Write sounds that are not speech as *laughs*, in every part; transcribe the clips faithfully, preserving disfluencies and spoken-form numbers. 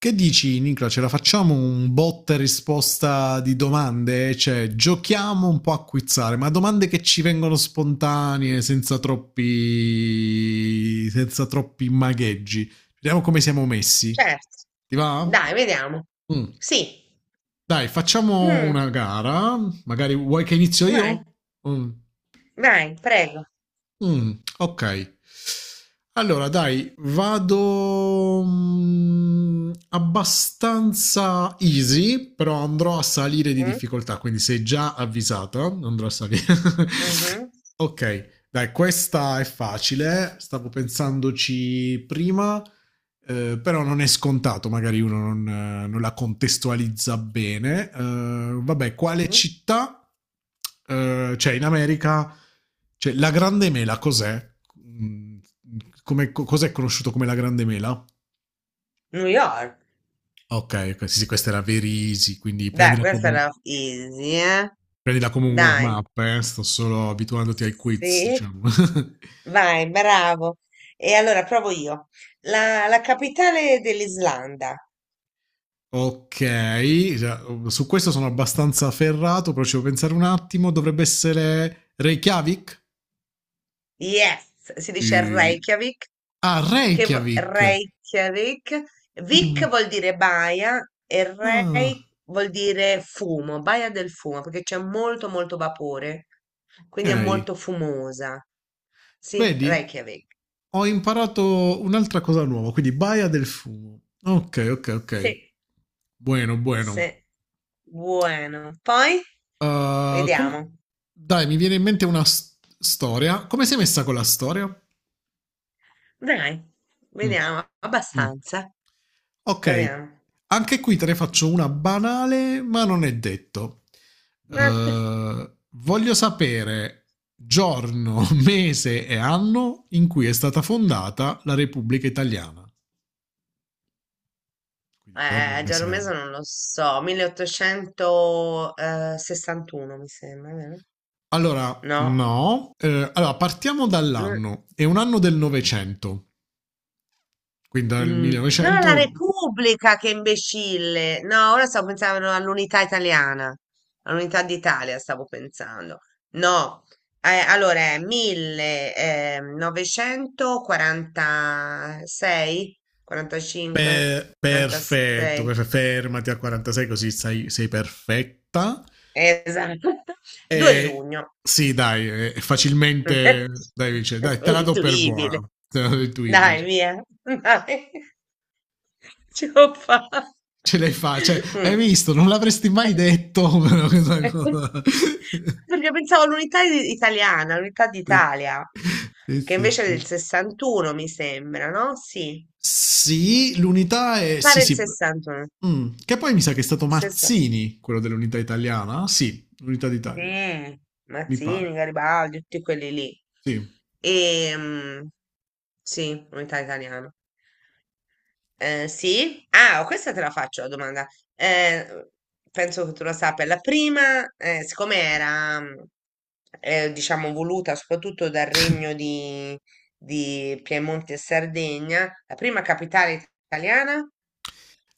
Che dici, Nicola? Ce la facciamo un botta e risposta di domande? Cioè, giochiamo un po' a quizzare, ma domande che ci vengono spontanee, senza troppi, senza troppi magheggi. Vediamo come siamo messi. Certo, Ti va? dai, vediamo. Mm. Sì, Dai, facciamo mm, una gara. Magari vuoi che inizio io? vai, Mm. vai, prego. Mh, okay. Allora dai, vado, mhmm, abbastanza easy, però andrò a salire di Mm, difficoltà, quindi sei già avvisata, andrò a sali mhm, *laughs* Okay, dai, questa è facile, stavo pensandoci prima. Eh, però non è scontato, magari uno non, eh, non la contestualizza bene. Eh, vabbè, quale mhm. città? Eh, cioè, in America, cioè, la Grande Mela cos'è? Mm. Come, co- cos'è conosciuto come la Grande Mela? New York. Ok, ok, sì, sì, questa era Verisi, quindi Dai, prendila questa come, era easy, eh? prendila come un Dai, warm-up, eh. Sto solo abituandoti ai quiz, sì. diciamo. *laughs* Vai, bravo. E allora provo io. La, la capitale dell'Islanda. Ok, cioè, su questo sono abbastanza ferrato, però ci devo pensare un attimo. Dovrebbe essere Reykjavik? Yes, si dice Eh, Reykjavik, Ah, che v- Reykjavik. Reykjavik, Vik Mm, vuol dire baia e ah, Rey vuol dire fumo, baia del fumo, perché c'è molto molto vapore, ok, quindi è molto fumosa. Sì, vedi? Reykjavik. Ho imparato un'altra cosa nuova, quindi Baia del Fumo. Ok, ok, ok. Sì, Buono, buono. sì. Buono. Poi Uh, com- vediamo. Dai, mi viene in mente una s- storia. Come sei messa con la storia? Dai, Mm, vediamo mm. abbastanza. Ok, Proviamo. anche qui te ne faccio una banale, ma non è detto. *laughs* Eh, voglio sapere giorno, *laughs* mese e anno in cui è stata fondata la Repubblica Italiana. Quindi giorno, Eh, mese e Giaromesa anno. non lo so, milleottocentosessantuno mi sembra, vero? Allora, No, no. Eh, allora, partiamo no. dall'anno. È un anno del Novecento. Quindi dal Mm. Ah, la millenovecento... Repubblica, che imbecille! No, ora stavo pensando all'unità italiana, all'unità d'Italia stavo pensando. No, eh, allora è millenovecentoquarantasei, quarantacinque, Per- perfetto, quarantasei, per- fermati a quarantasei così sei, sei perfetta. esatto. *laughs* due E giugno. sì, dai, è facilmente, dai, *laughs* dice, dai, te la do per Intuibile. buona, te la do intuibile, Dai, dice. via. *laughs* Dai. Ce l'ho fatta. Ce l'hai fa, cioè, hai Mm. visto, non l'avresti mai detto, *laughs* però questa cosa. *laughs* Perché pensavo all'unità i- italiana, all'unità Sì, d'Italia, sì, che sì, invece è del sì. sessantuno, mi sembra, no? Sì, Sì, l'unità mi è, sì, pare il sì. sessantuno. Mm. Che poi mi sa che è stato sessanta. Mazzini, quello dell'unità italiana. Sì, l'unità d'Italia, Sì, mi pare. Mazzini, Garibaldi, tutti quelli lì. Sì. E sì, unità italiana. Eh, sì? Ah, oh, questa te la faccio la domanda. Eh, penso che tu la sappia. La prima, eh, siccome era, mm, eh, diciamo, voluta soprattutto dal regno di, di Piemonte e Sardegna, la prima capitale italiana?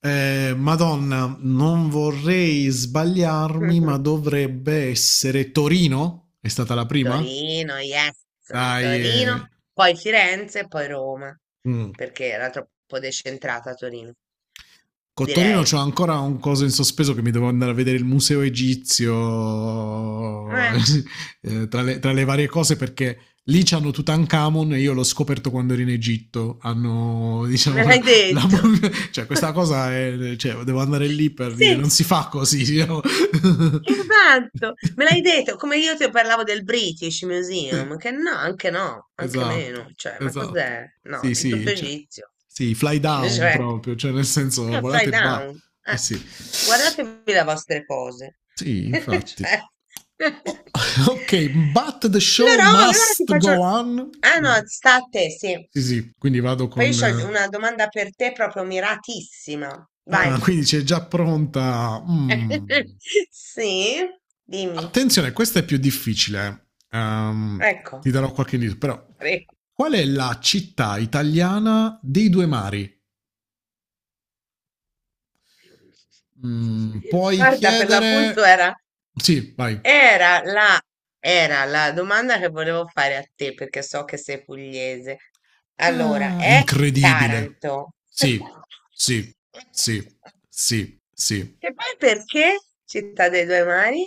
Eh, Madonna, non vorrei sbagliarmi, ma *laughs* dovrebbe essere Torino? È stata la prima? Torino, yes. Dai, Torino, eh. poi Firenze, poi Roma, Mm. perché era troppo decentrata Torino, Con Torino direi. c'ho ancora un coso in sospeso che mi devo andare a vedere il museo egizio *laughs* Eh, eh, tra, le, tra le varie cose perché lì c'hanno Tutankhamon e io l'ho scoperto quando ero in Egitto hanno *laughs* me diciamo la, l'hai la *laughs* detto. mumia, cioè questa *laughs* cosa è, cioè, devo andare lì per dire non Sì, si fa così, diciamo. esatto, me l'hai *laughs* detto, come io ti parlavo del British Sì, Museum, che no, anche no, anche esatto, meno, cioè, ma esatto. cos'è? No, Sì, è tutto sì, cioè egizio. sì, fly *laughs* down Cioè, proprio, cioè nel è senso un fly volate e ba. down, Eh eh, sì, guardatevi le vostre cose. sì, *laughs* infatti. Cioè, *laughs* allora, O- *laughs* ok, but the show oh, e ora ti must faccio, go on. ah no, Vai. sta a te, sì, Sì, sì, quindi vado poi con... io ho eh, una domanda per te proprio miratissima, vai. ah, quindi c'è già pronta... mm. *laughs* Sì, dimmi. Attenzione, questa è più difficile. eh. Ehm, ti Ecco. darò qualche indizio, però... Prego. Qual è la città italiana dei due mari? Mm, puoi Guarda, per l'appunto chiedere... era, Sì, vai. era la, era la domanda che volevo fare a te, perché so che sei pugliese. Allora, Ah, è è incredibile. Taranto. Sì, sì, sì, sì, sì. E poi perché Città dei Due Mari?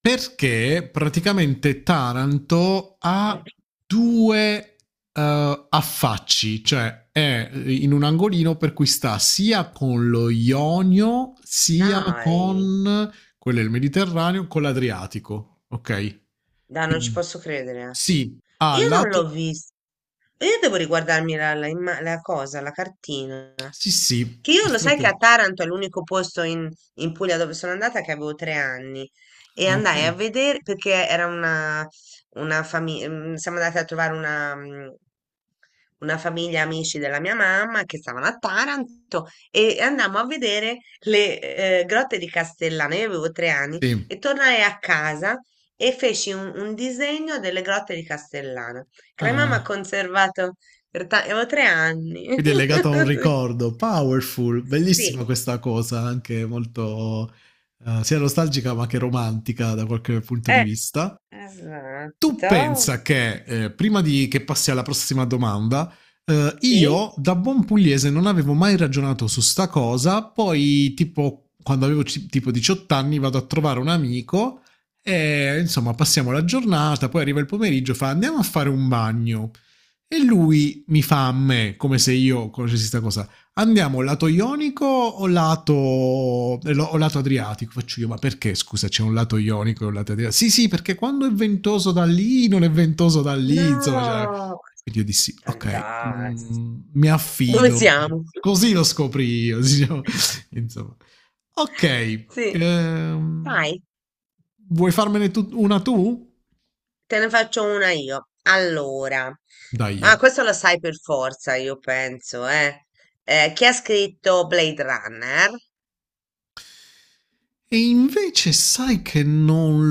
Perché praticamente Taranto ha due eh, affacci, cioè è in un angolino per cui sta sia con lo Ionio, sia Dai, con quello del Mediterraneo, con l'Adriatico. Ok? dai, non ci Quindi posso credere. sì, ha Io non lato. l'ho vista. Io devo riguardarmi la, la imma- la cosa, la cartina. Sì, sì. Che io lo sai che a Extraterrestri. Taranto è l'unico posto in, in Puglia dove sono andata, che avevo tre anni e Ah, ok. andai a vedere perché era una, una famiglia, siamo andati a trovare una, mm, una famiglia amici della mia mamma che stavano a Taranto e andammo a vedere le eh, grotte di Castellana. Io avevo tre anni Sì. e tornai a casa e feci un, un disegno delle grotte di Castellana. Crema mi ha Ah, conservato per ta- avevo tre anni. quindi è legato a un *laughs* ricordo. Powerful, bellissima Sì, questa cosa, anche molto eh, sia nostalgica ma che romantica da qualche punto di eh, vista. Tu esatto. pensa che, eh, prima di che passi alla prossima domanda, eh, io Sì? da buon pugliese non avevo mai ragionato su sta cosa, poi tipo quando avevo ci- tipo diciotto anni vado a trovare un amico e insomma passiamo la giornata, poi arriva il pomeriggio, fa andiamo a fare un bagno. E lui mi fa a me, come se io conoscessi sta cosa: andiamo lato ionico o lato, o lato adriatico? Faccio io, ma perché scusa c'è un lato ionico e un lato adriatico? Sì, sì, perché quando è ventoso da lì non è ventoso da lì, insomma, cioè. No, Quindi io dissi, ok, fantastico. mm, mi Dove affido. siamo? Così lo scopri io, diciamo. *laughs* insomma. Ok, Sì. ehm, Vai, vuoi farmene tu- una tu? te ne faccio una io. Allora, Dai. ah, questo lo sai per forza, io penso, eh. Eh, chi ha scritto Blade Runner? E invece sai che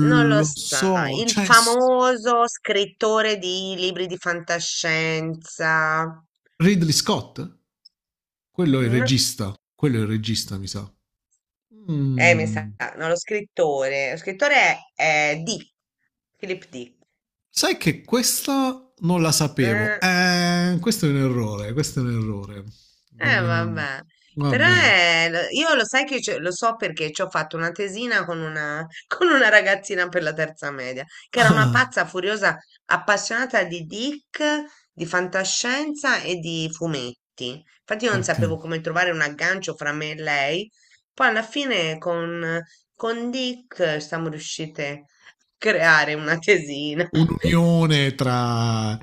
Non lo lo sai, so, il cioè s- famoso scrittore di libri di fantascienza. Ridley Scott? Quello è il No, regista, quello è il regista, mi sa. eh, mi sa, Mm. no, lo scrittore. Lo scrittore è, è Dick, Philip Dick. Sai che questa non la sapevo. Eh, questo è un errore, questo è un errore. Eh, Non, vabbè, però Vabbè. *laughs* è- lo- io lo sai che ce- lo so perché ci ho fatto una tesina con una, *laughs* con una ragazzina per la terza media, che era una Ah, pazza furiosa, appassionata di Dick, di fantascienza e di fumetti. Infatti io non ok. sapevo come trovare un aggancio fra me e lei. Poi alla fine con, con Dick, eh, siamo riuscite a creare una tesina. Un'unione tra...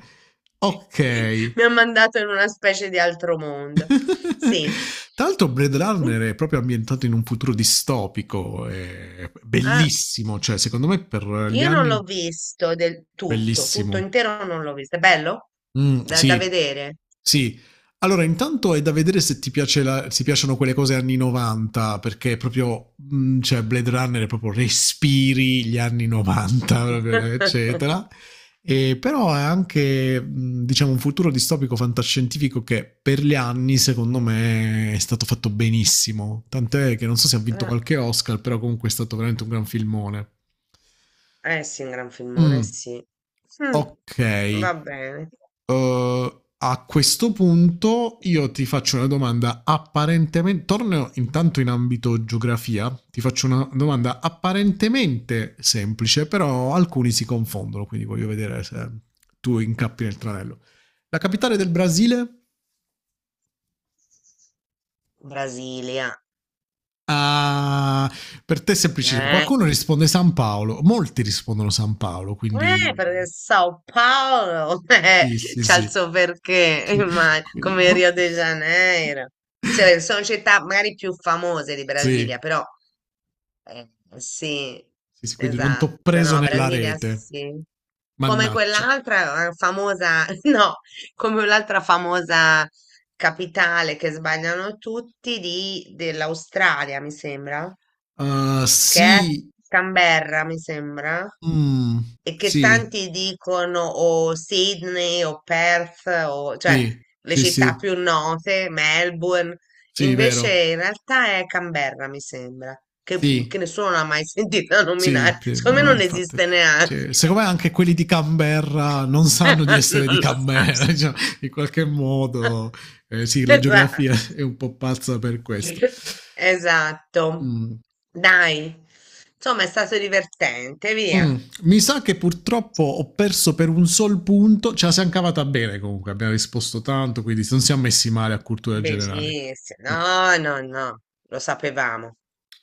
*laughs* Ok. Mi ha mandato in una specie di altro mondo. Sì. *laughs* Tra l'altro Blade Runner è *laughs* proprio ambientato in un futuro distopico, è Ah, bellissimo, cioè secondo me per gli io non anni l'ho visto del tutto, tutto bellissimo. intero non l'ho visto. È bello? Mh, Da, da sì, vedere. sì. Allora intanto è da vedere se ti piace la se ti piacciono quelle cose anni 'novanta, perché proprio mhmm, cioè Blade Runner proprio respiri gli anni 'novanta *laughs* proprio *laughs* eccetera. Ehm, però è anche, mhmm, diciamo un futuro distopico fantascientifico che per gli anni secondo me è stato fatto benissimo, tant'è che non so se ha vinto Ah, qualche Oscar, però comunque è stato veramente un gran filmone. eh sì, un gran filmone, Mh, sì. Mm, okay. va bene. Uh, a questo punto io ti faccio una domanda apparentemente, torno intanto in ambito geografia, ti faccio una domanda apparentemente semplice, però alcuni si confondono, quindi voglio vedere se tu incappi nel tranello. La capitale del Brasile? Brasilia. Ah, per te è semplicissimo. Eh, Qualcuno risponde San Paolo, molti rispondono San Paolo, eh, perché quindi Sao Paolo *laughs* eh, sì, sì, c'ha il sì. suo perché, *laughs* immag- Quindi, come no. Rio de Janeiro. Se- *laughs* sono città magari più famose di Brasilia, Sì, però eh, sì, sì, sì, quindi non t'ho esatto, preso no, nella Brasilia rete. sì. Come Mannaccio. quell'altra eh, famosa, *laughs* no, come l'altra famosa capitale che sbagliano tutti di- dell'Australia, mi sembra, Uh, che è a sì. Canberra, mi sembra, Mm, e che sì, tanti dicono o Sydney o Perth, o, cioè sì, le sì, città sì, più note, Melbourne, sì, vero. invece in realtà è Canberra, mi sembra, che, che Sì, nessuno l'ha mai *laughs* sentita sì, nominare, sì, ma- secondo me ma non infatti, esiste neanche. cioè, secondo me anche quelli di Canberra non sanno di *laughs* essere Non di lo so. Canberra, *laughs* cioè, in qualche modo. Eh, sì, *laughs* la Esatto. geografia *laughs* è un po' pazza per questo. Esatto. Mm. Dai. Insomma, è stato divertente, via. Mm, mi sa che purtroppo ho perso per un sol punto, ce la siamo cavata bene comunque, abbiamo risposto tanto, quindi non siamo messi male a cultura generale. Benissimo, Mm. no, no, no, lo sapevamo.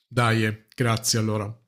Dai, eh, grazie allora.